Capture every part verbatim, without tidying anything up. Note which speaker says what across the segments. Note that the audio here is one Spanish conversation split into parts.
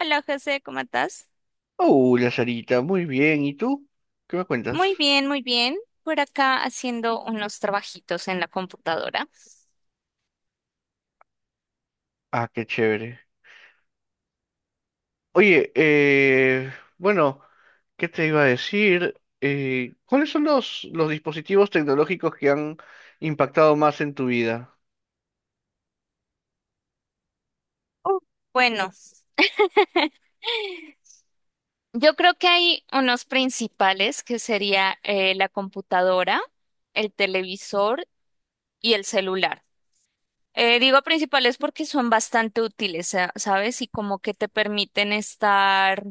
Speaker 1: Hola José, ¿cómo estás?
Speaker 2: Hola, Sarita, muy bien. ¿Y tú? ¿Qué me cuentas?
Speaker 1: Muy bien, muy bien. Por acá haciendo unos trabajitos en la computadora.
Speaker 2: Ah, qué chévere. Oye, eh, bueno, ¿qué te iba a decir? Eh, ¿cuáles son los, los dispositivos tecnológicos que han impactado más en tu vida?
Speaker 1: Uh, Bueno, yo creo que hay unos principales que sería eh, la computadora, el televisor y el celular. Eh, digo principales porque son bastante útiles, sa- ¿sabes? Y como que te permiten estar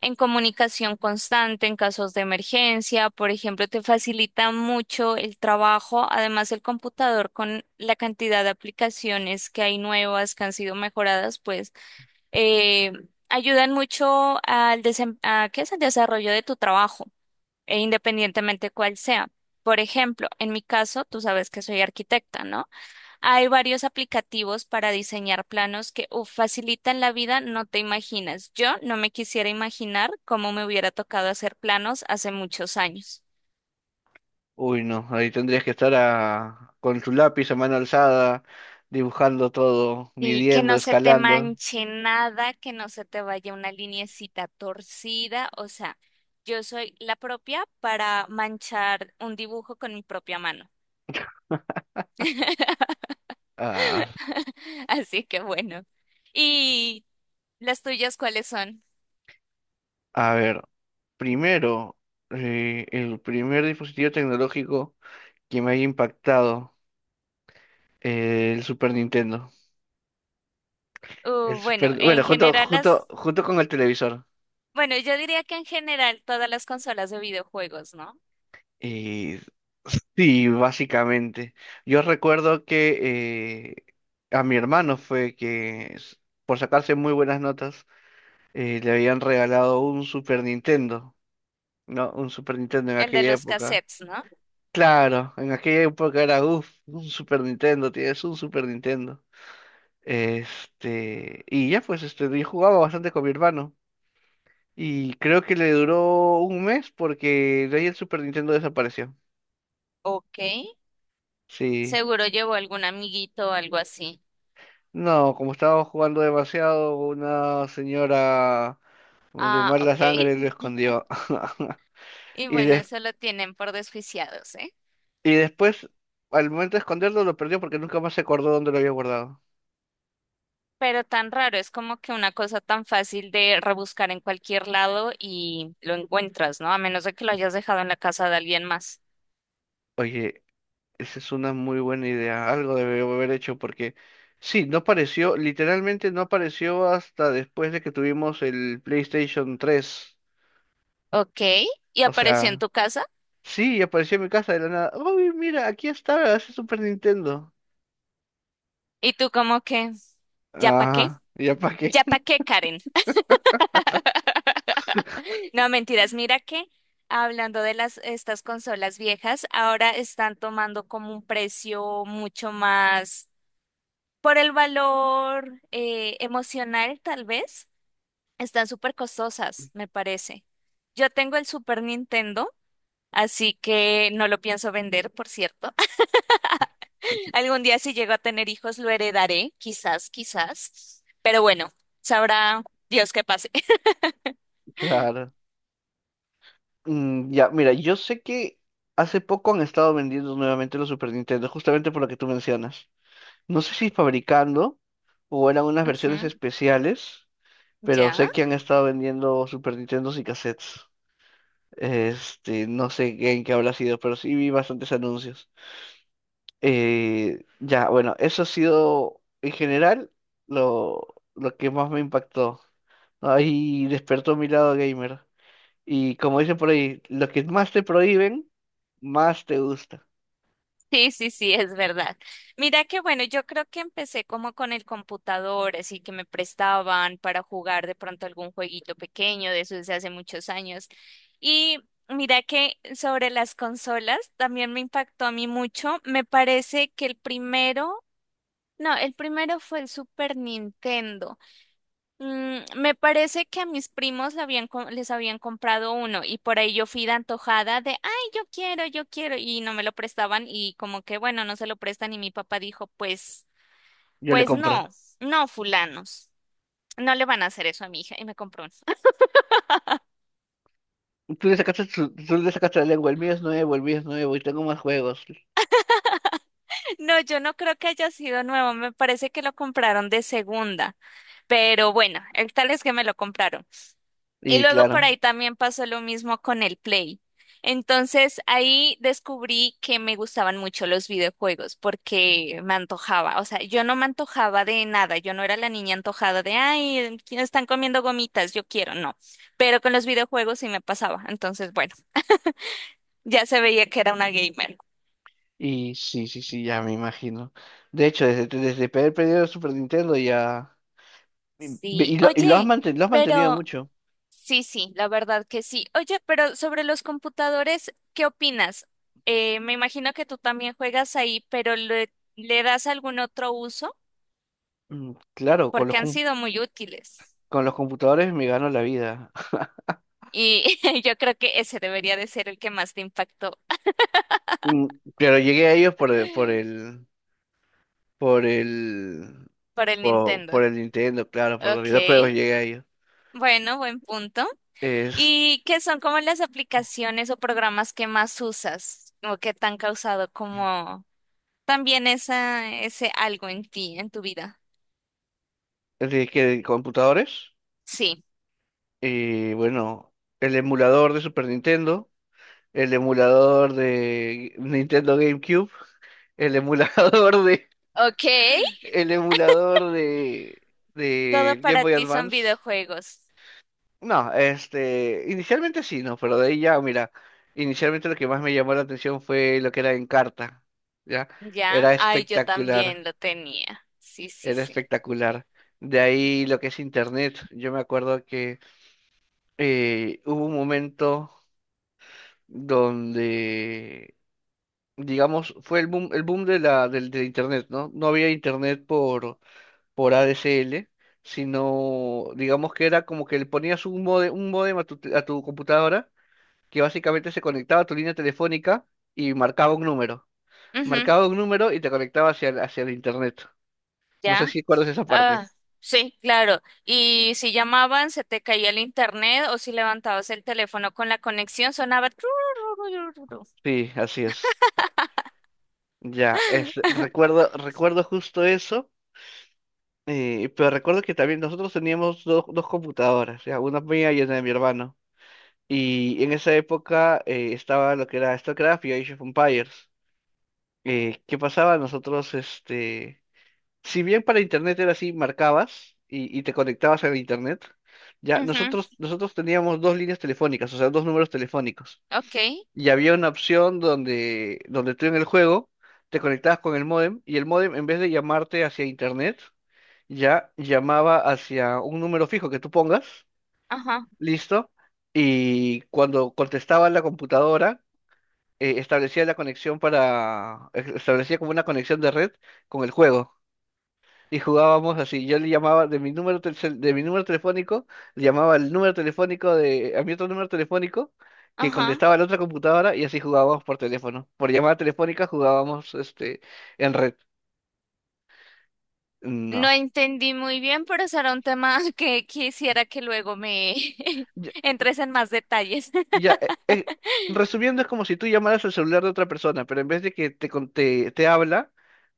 Speaker 1: en comunicación constante, en casos de emergencia, por ejemplo, te facilita mucho el trabajo. Además, el computador con la cantidad de aplicaciones que hay nuevas, que han sido mejoradas, pues eh, ayudan mucho al desem- a, ¿qué es? Al desarrollo de tu trabajo, e independientemente cuál sea. Por ejemplo, en mi caso, tú sabes que soy arquitecta, ¿no? Hay varios aplicativos para diseñar planos que uf, facilitan la vida, no te imaginas. Yo no me quisiera imaginar cómo me hubiera tocado hacer planos hace muchos años.
Speaker 2: Uy, no, ahí tendrías que estar a- con tu lápiz a mano alzada, dibujando todo,
Speaker 1: Sí, que
Speaker 2: midiendo,
Speaker 1: no se te
Speaker 2: escalando.
Speaker 1: manche nada, que no se te vaya una lineecita torcida, o sea, yo soy la propia para manchar un dibujo con mi propia mano.
Speaker 2: Ah,
Speaker 1: Así que bueno. ¿Y las tuyas cuáles son?
Speaker 2: a ver, primero, eh, el primer dispositivo tecnológico que me haya impactado. Eh, el Super Nintendo.
Speaker 1: Uh,
Speaker 2: El
Speaker 1: bueno,
Speaker 2: Super, bueno,
Speaker 1: en
Speaker 2: junto,
Speaker 1: general
Speaker 2: junto,
Speaker 1: las...
Speaker 2: junto con el televisor.
Speaker 1: Bueno, yo diría que en general todas las consolas de videojuegos, ¿no?
Speaker 2: Y sí, básicamente. Yo recuerdo que eh, a mi hermano fue que, s- por sacarse muy buenas notas, eh, le habían regalado un Super Nintendo, ¿no? Un Super Nintendo en
Speaker 1: ¿El de
Speaker 2: aquella
Speaker 1: los
Speaker 2: época.
Speaker 1: cassettes, no?
Speaker 2: Claro, en aquella época era, uff, un Super Nintendo, tienes un Super Nintendo. Este, y ya pues, este, yo jugaba bastante con mi hermano. Y creo que le duró un mes porque de ahí el Super Nintendo desapareció.
Speaker 1: Ok.
Speaker 2: Sí.
Speaker 1: Seguro llevó algún amiguito o algo así.
Speaker 2: No, como estaba jugando demasiado, una señora de
Speaker 1: Ah,
Speaker 2: mala
Speaker 1: ok.
Speaker 2: sangre lo escondió.
Speaker 1: Y
Speaker 2: Y,
Speaker 1: bueno,
Speaker 2: des-
Speaker 1: eso lo tienen por desjuiciados, ¿eh?
Speaker 2: y después, al momento de esconderlo, lo perdió porque nunca más se acordó dónde lo había guardado.
Speaker 1: Pero tan raro, es como que una cosa tan fácil de rebuscar en cualquier lado y lo encuentras, ¿no? A menos de que lo hayas dejado en la casa de alguien más.
Speaker 2: Oye, esa es una muy buena idea. Algo debió haber hecho porque sí, no apareció, literalmente no apareció hasta después de que tuvimos el PlayStation tres.
Speaker 1: Ok. Y
Speaker 2: O
Speaker 1: apareció en
Speaker 2: sea,
Speaker 1: tu casa.
Speaker 2: sí, y apareció en mi casa de la nada. Uy, mira, aquí está, ese Super Nintendo.
Speaker 1: Y tú como que, ¿ya pa' qué?
Speaker 2: Ajá, ¿ya para qué?
Speaker 1: ¿Ya pa' qué, Karen? No, mentiras. Mira que hablando de las estas consolas viejas, ahora están tomando como un precio mucho más por el valor eh, emocional, tal vez. Están súper costosas, me parece. Yo tengo el Super Nintendo, así que no lo pienso vender, por cierto. Algún día si llego a tener hijos lo heredaré, quizás, quizás. Pero bueno, sabrá Dios qué pase.
Speaker 2: Claro. Mm, ya, mira, yo sé que hace poco han estado vendiendo nuevamente los Super Nintendo, justamente por lo que tú mencionas. No sé si fabricando o eran unas versiones
Speaker 1: Ujú,
Speaker 2: especiales, pero
Speaker 1: ya.
Speaker 2: sé que han estado vendiendo Super Nintendos y cassettes. Este, no sé en qué habrá sido, pero sí vi bastantes anuncios. Eh, ya, bueno, eso ha sido en general lo, lo que más me impactó. Ahí despertó mi lado gamer. Y como dicen por ahí, lo que más te prohíben, más te gusta.
Speaker 1: Sí, sí, sí, es verdad. Mira que bueno, yo creo que empecé como con el computador, así que me prestaban para jugar de pronto algún jueguito pequeño, de eso desde hace muchos años. Y mira que sobre las consolas también me impactó a mí mucho. Me parece que el primero, no, el primero fue el Super Nintendo. Mm, me parece que a mis primos le habían co- les habían comprado uno y por ahí yo fui de antojada de, ay, yo quiero, yo quiero, y no me lo prestaban y como que, bueno, no se lo prestan y mi papá dijo, pues,
Speaker 2: Yo le
Speaker 1: pues
Speaker 2: compro.
Speaker 1: no, no, fulanos, no le van a hacer eso a mi hija y me compró uno.
Speaker 2: Tú le sacaste, su- tú le sacaste la lengua, el mío es nuevo, el mío es nuevo y tengo más juegos.
Speaker 1: No, yo no creo que haya sido nuevo, me parece que lo compraron de segunda, pero bueno, el tal es que me lo compraron. Y
Speaker 2: Y
Speaker 1: luego por
Speaker 2: claro,
Speaker 1: ahí también pasó lo mismo con el Play. Entonces ahí descubrí que me gustaban mucho los videojuegos porque me antojaba. O sea, yo no me antojaba de nada. Yo no era la niña antojada de, ay, están comiendo gomitas, yo quiero. No. Pero con los videojuegos sí me pasaba. Entonces, bueno, ya se veía que era una gamer.
Speaker 2: y sí, sí, sí, ya me imagino. De hecho, desde, desde el periodo de Super Nintendo ya... Y,
Speaker 1: Sí,
Speaker 2: y lo, y lo has
Speaker 1: oye,
Speaker 2: manten- lo has mantenido
Speaker 1: pero...
Speaker 2: mucho.
Speaker 1: Sí, sí, la verdad que sí. Oye, pero sobre los computadores, ¿qué opinas? Eh, me imagino que tú también juegas ahí, pero ¿le, le das algún otro uso?
Speaker 2: Mm, claro, con los,
Speaker 1: Porque han sido muy útiles.
Speaker 2: con los computadores me gano la vida.
Speaker 1: Y yo creo que ese debería de ser el que más te impactó
Speaker 2: Mm, pero llegué a ellos por el, por el, por el,
Speaker 1: por el
Speaker 2: por, por
Speaker 1: Nintendo.
Speaker 2: el Nintendo, claro, por los
Speaker 1: Ok,
Speaker 2: videojuegos llegué a ellos.
Speaker 1: bueno, buen punto.
Speaker 2: Es
Speaker 1: ¿Y qué son como las aplicaciones o programas que más usas o que te han causado como también esa, ese algo en ti, en tu vida?
Speaker 2: de que de computadores
Speaker 1: Sí.
Speaker 2: y bueno, el emulador de Super Nintendo, el emulador de Nintendo GameCube, el emulador de,
Speaker 1: Ok,
Speaker 2: el emulador de,
Speaker 1: todo
Speaker 2: de Game
Speaker 1: para
Speaker 2: Boy
Speaker 1: ti son
Speaker 2: Advance.
Speaker 1: videojuegos.
Speaker 2: No, este, inicialmente sí, no, pero de ahí ya, mira, inicialmente lo que más me llamó la atención fue lo que era Encarta, ¿ya?
Speaker 1: Ya,
Speaker 2: Era
Speaker 1: ay, yo
Speaker 2: espectacular,
Speaker 1: también lo tenía. Sí, sí,
Speaker 2: era
Speaker 1: sí.
Speaker 2: espectacular. De ahí lo que es Internet, yo me acuerdo que eh, hubo un momento donde, digamos, fue el boom, el boom de la, del, de Internet, ¿no? No había Internet por, por A D E ele e, sino, digamos que era como que le ponías un módem, un módem a tu, a tu computadora que básicamente se conectaba a tu línea telefónica y marcaba un número.
Speaker 1: Ujú,
Speaker 2: Marcaba un número y te conectaba hacia el, hacia el internet. No sé
Speaker 1: ya.
Speaker 2: si recuerdas esa parte.
Speaker 1: Ah, sí, claro. Y si llamaban, se te caía el internet o si levantabas el teléfono con la conexión, sonaba. Trurururururu.
Speaker 2: Sí, así es. Ya, es, recuerdo, recuerdo justo eso, eh, pero recuerdo que también nosotros teníamos dos dos computadoras, ya, una mía y una de mi hermano. Y en esa época eh, estaba lo que era StarCraft y Age of Empires. Eh, ¿qué pasaba? Nosotros, este, si bien para internet era así, marcabas y, y te conectabas a internet, ya
Speaker 1: Ujú,
Speaker 2: nosotros, nosotros teníamos dos líneas telefónicas, o sea, dos números telefónicos.
Speaker 1: ok,
Speaker 2: Y había una opción donde, donde tú en el juego te conectabas con el módem y el módem en vez de llamarte hacia internet, ya llamaba hacia un número fijo que tú pongas,
Speaker 1: ajá,
Speaker 2: listo, y cuando contestaba la computadora, eh, establecía la conexión para, establecía como una conexión de red con el juego. Y jugábamos así. Yo le llamaba de mi número telcel- de mi número telefónico, le llamaba el número telefónico de a mi otro número telefónico que
Speaker 1: ajá.
Speaker 2: contestaba la otra computadora y así jugábamos por teléfono. Por llamada telefónica jugábamos este en red.
Speaker 1: No
Speaker 2: No.
Speaker 1: entendí muy bien, pero será un tema que quisiera que luego me
Speaker 2: Ya,
Speaker 1: entres en más detalles.
Speaker 2: ya, eh, eh, resumiendo es como si tú llamaras al celular de otra persona, pero en vez de que te con- te, te habla,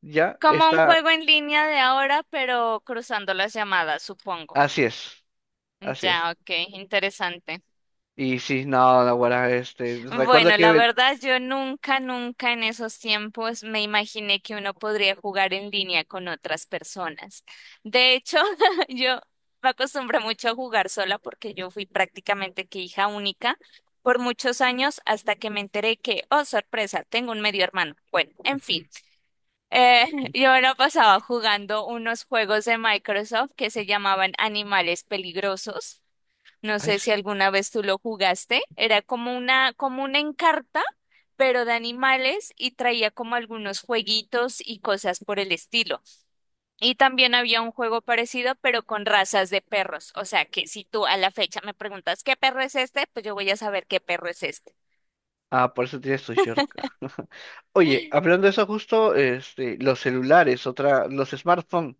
Speaker 2: ya
Speaker 1: Como un
Speaker 2: está.
Speaker 1: juego en línea de ahora, pero cruzando las llamadas, supongo.
Speaker 2: Así es. Así es.
Speaker 1: Ya, ok, interesante.
Speaker 2: Y sí, no, no, guarda, este, recuerdo
Speaker 1: Bueno,
Speaker 2: que
Speaker 1: la
Speaker 2: ven-
Speaker 1: verdad, yo nunca, nunca en esos tiempos me imaginé que uno podría jugar en línea con otras personas. De hecho, yo me acostumbré mucho a jugar sola porque yo fui prácticamente que hija única por muchos años hasta que me enteré que, oh, sorpresa, tengo un medio hermano. Bueno, en fin. Eh, yo me lo pasaba jugando unos juegos de Microsoft que se llamaban Animales Peligrosos. No
Speaker 2: ay,
Speaker 1: sé si alguna vez tú lo jugaste. Era como una, como una Encarta, pero de animales y traía como algunos jueguitos y cosas por el estilo. Y también había un juego parecido, pero con razas de perros. O sea que si tú a la fecha me preguntas qué perro es este, pues yo voy a saber qué perro es este.
Speaker 2: ah, por eso tienes tu short. Oye, hablando de eso justo, este, los celulares, otra, los smartphones,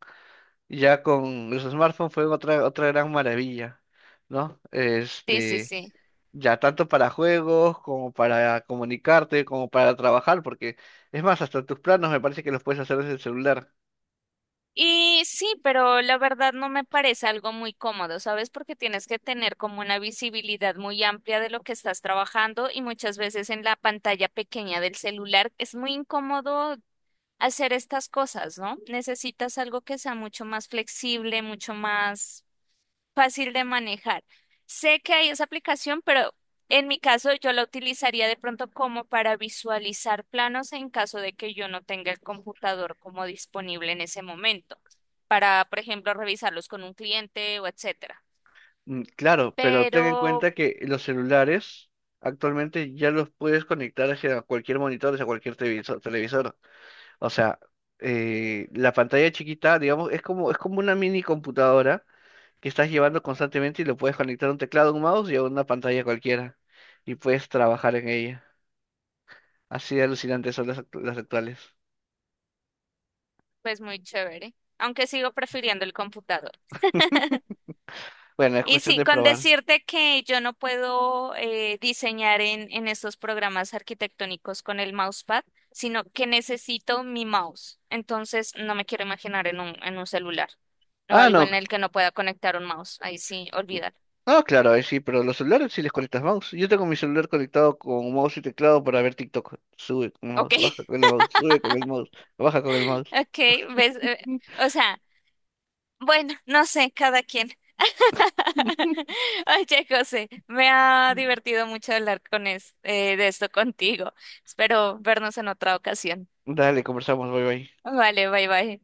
Speaker 2: ya con los smartphones fue otra, otra gran maravilla, ¿no?
Speaker 1: Sí, sí,
Speaker 2: Este,
Speaker 1: sí.
Speaker 2: ya tanto para juegos como para comunicarte, como para trabajar, porque es más, hasta tus planos me parece que los puedes hacer desde el celular.
Speaker 1: Y sí, pero la verdad no me parece algo muy cómodo, ¿sabes? Porque tienes que tener como una visibilidad muy amplia de lo que estás trabajando y muchas veces en la pantalla pequeña del celular es muy incómodo hacer estas cosas, ¿no? Necesitas algo que sea mucho más flexible, mucho más fácil de manejar. Sé que hay esa aplicación, pero en mi caso yo la utilizaría de pronto como para visualizar planos en caso de que yo no tenga el computador como disponible en ese momento, para, por ejemplo, revisarlos con un cliente o etcétera.
Speaker 2: Mm, claro, pero ten en
Speaker 1: Pero,
Speaker 2: cuenta que los celulares actualmente ya los puedes conectar hacia cualquier monitor, hacia cualquier televisor, televisor. O sea, eh, la pantalla chiquita, digamos, es como, es como una mini computadora que estás llevando constantemente y lo puedes conectar un teclado, un mouse y a una pantalla cualquiera. Y puedes trabajar en ella. Así de alucinantes son las, act- las actuales.
Speaker 1: pues muy chévere, aunque sigo prefiriendo el computador.
Speaker 2: Bueno, es
Speaker 1: Y
Speaker 2: cuestión
Speaker 1: sí,
Speaker 2: de
Speaker 1: con
Speaker 2: probar.
Speaker 1: decirte que yo no puedo eh, diseñar en, en estos programas arquitectónicos con el mousepad, sino que necesito mi mouse. Entonces, no me quiero imaginar en un, en un celular o
Speaker 2: Ah,
Speaker 1: algo
Speaker 2: no.
Speaker 1: en el que no pueda conectar un mouse. Ahí sí, olvidar.
Speaker 2: No, claro, ahí sí, pero los celulares sí les conectas mouse. Yo tengo mi celular conectado con mouse y teclado para ver TikTok. Sube con mouse,
Speaker 1: Ok,
Speaker 2: baja con el mouse, sube con el mouse, baja con el mouse.
Speaker 1: ok, ves, eh, o sea, bueno, no sé, cada quien. Oye, José, me ha divertido mucho hablar con es- eh, de esto contigo. Espero vernos en otra ocasión.
Speaker 2: Dale, conversamos, bye bye.
Speaker 1: Vale, bye bye.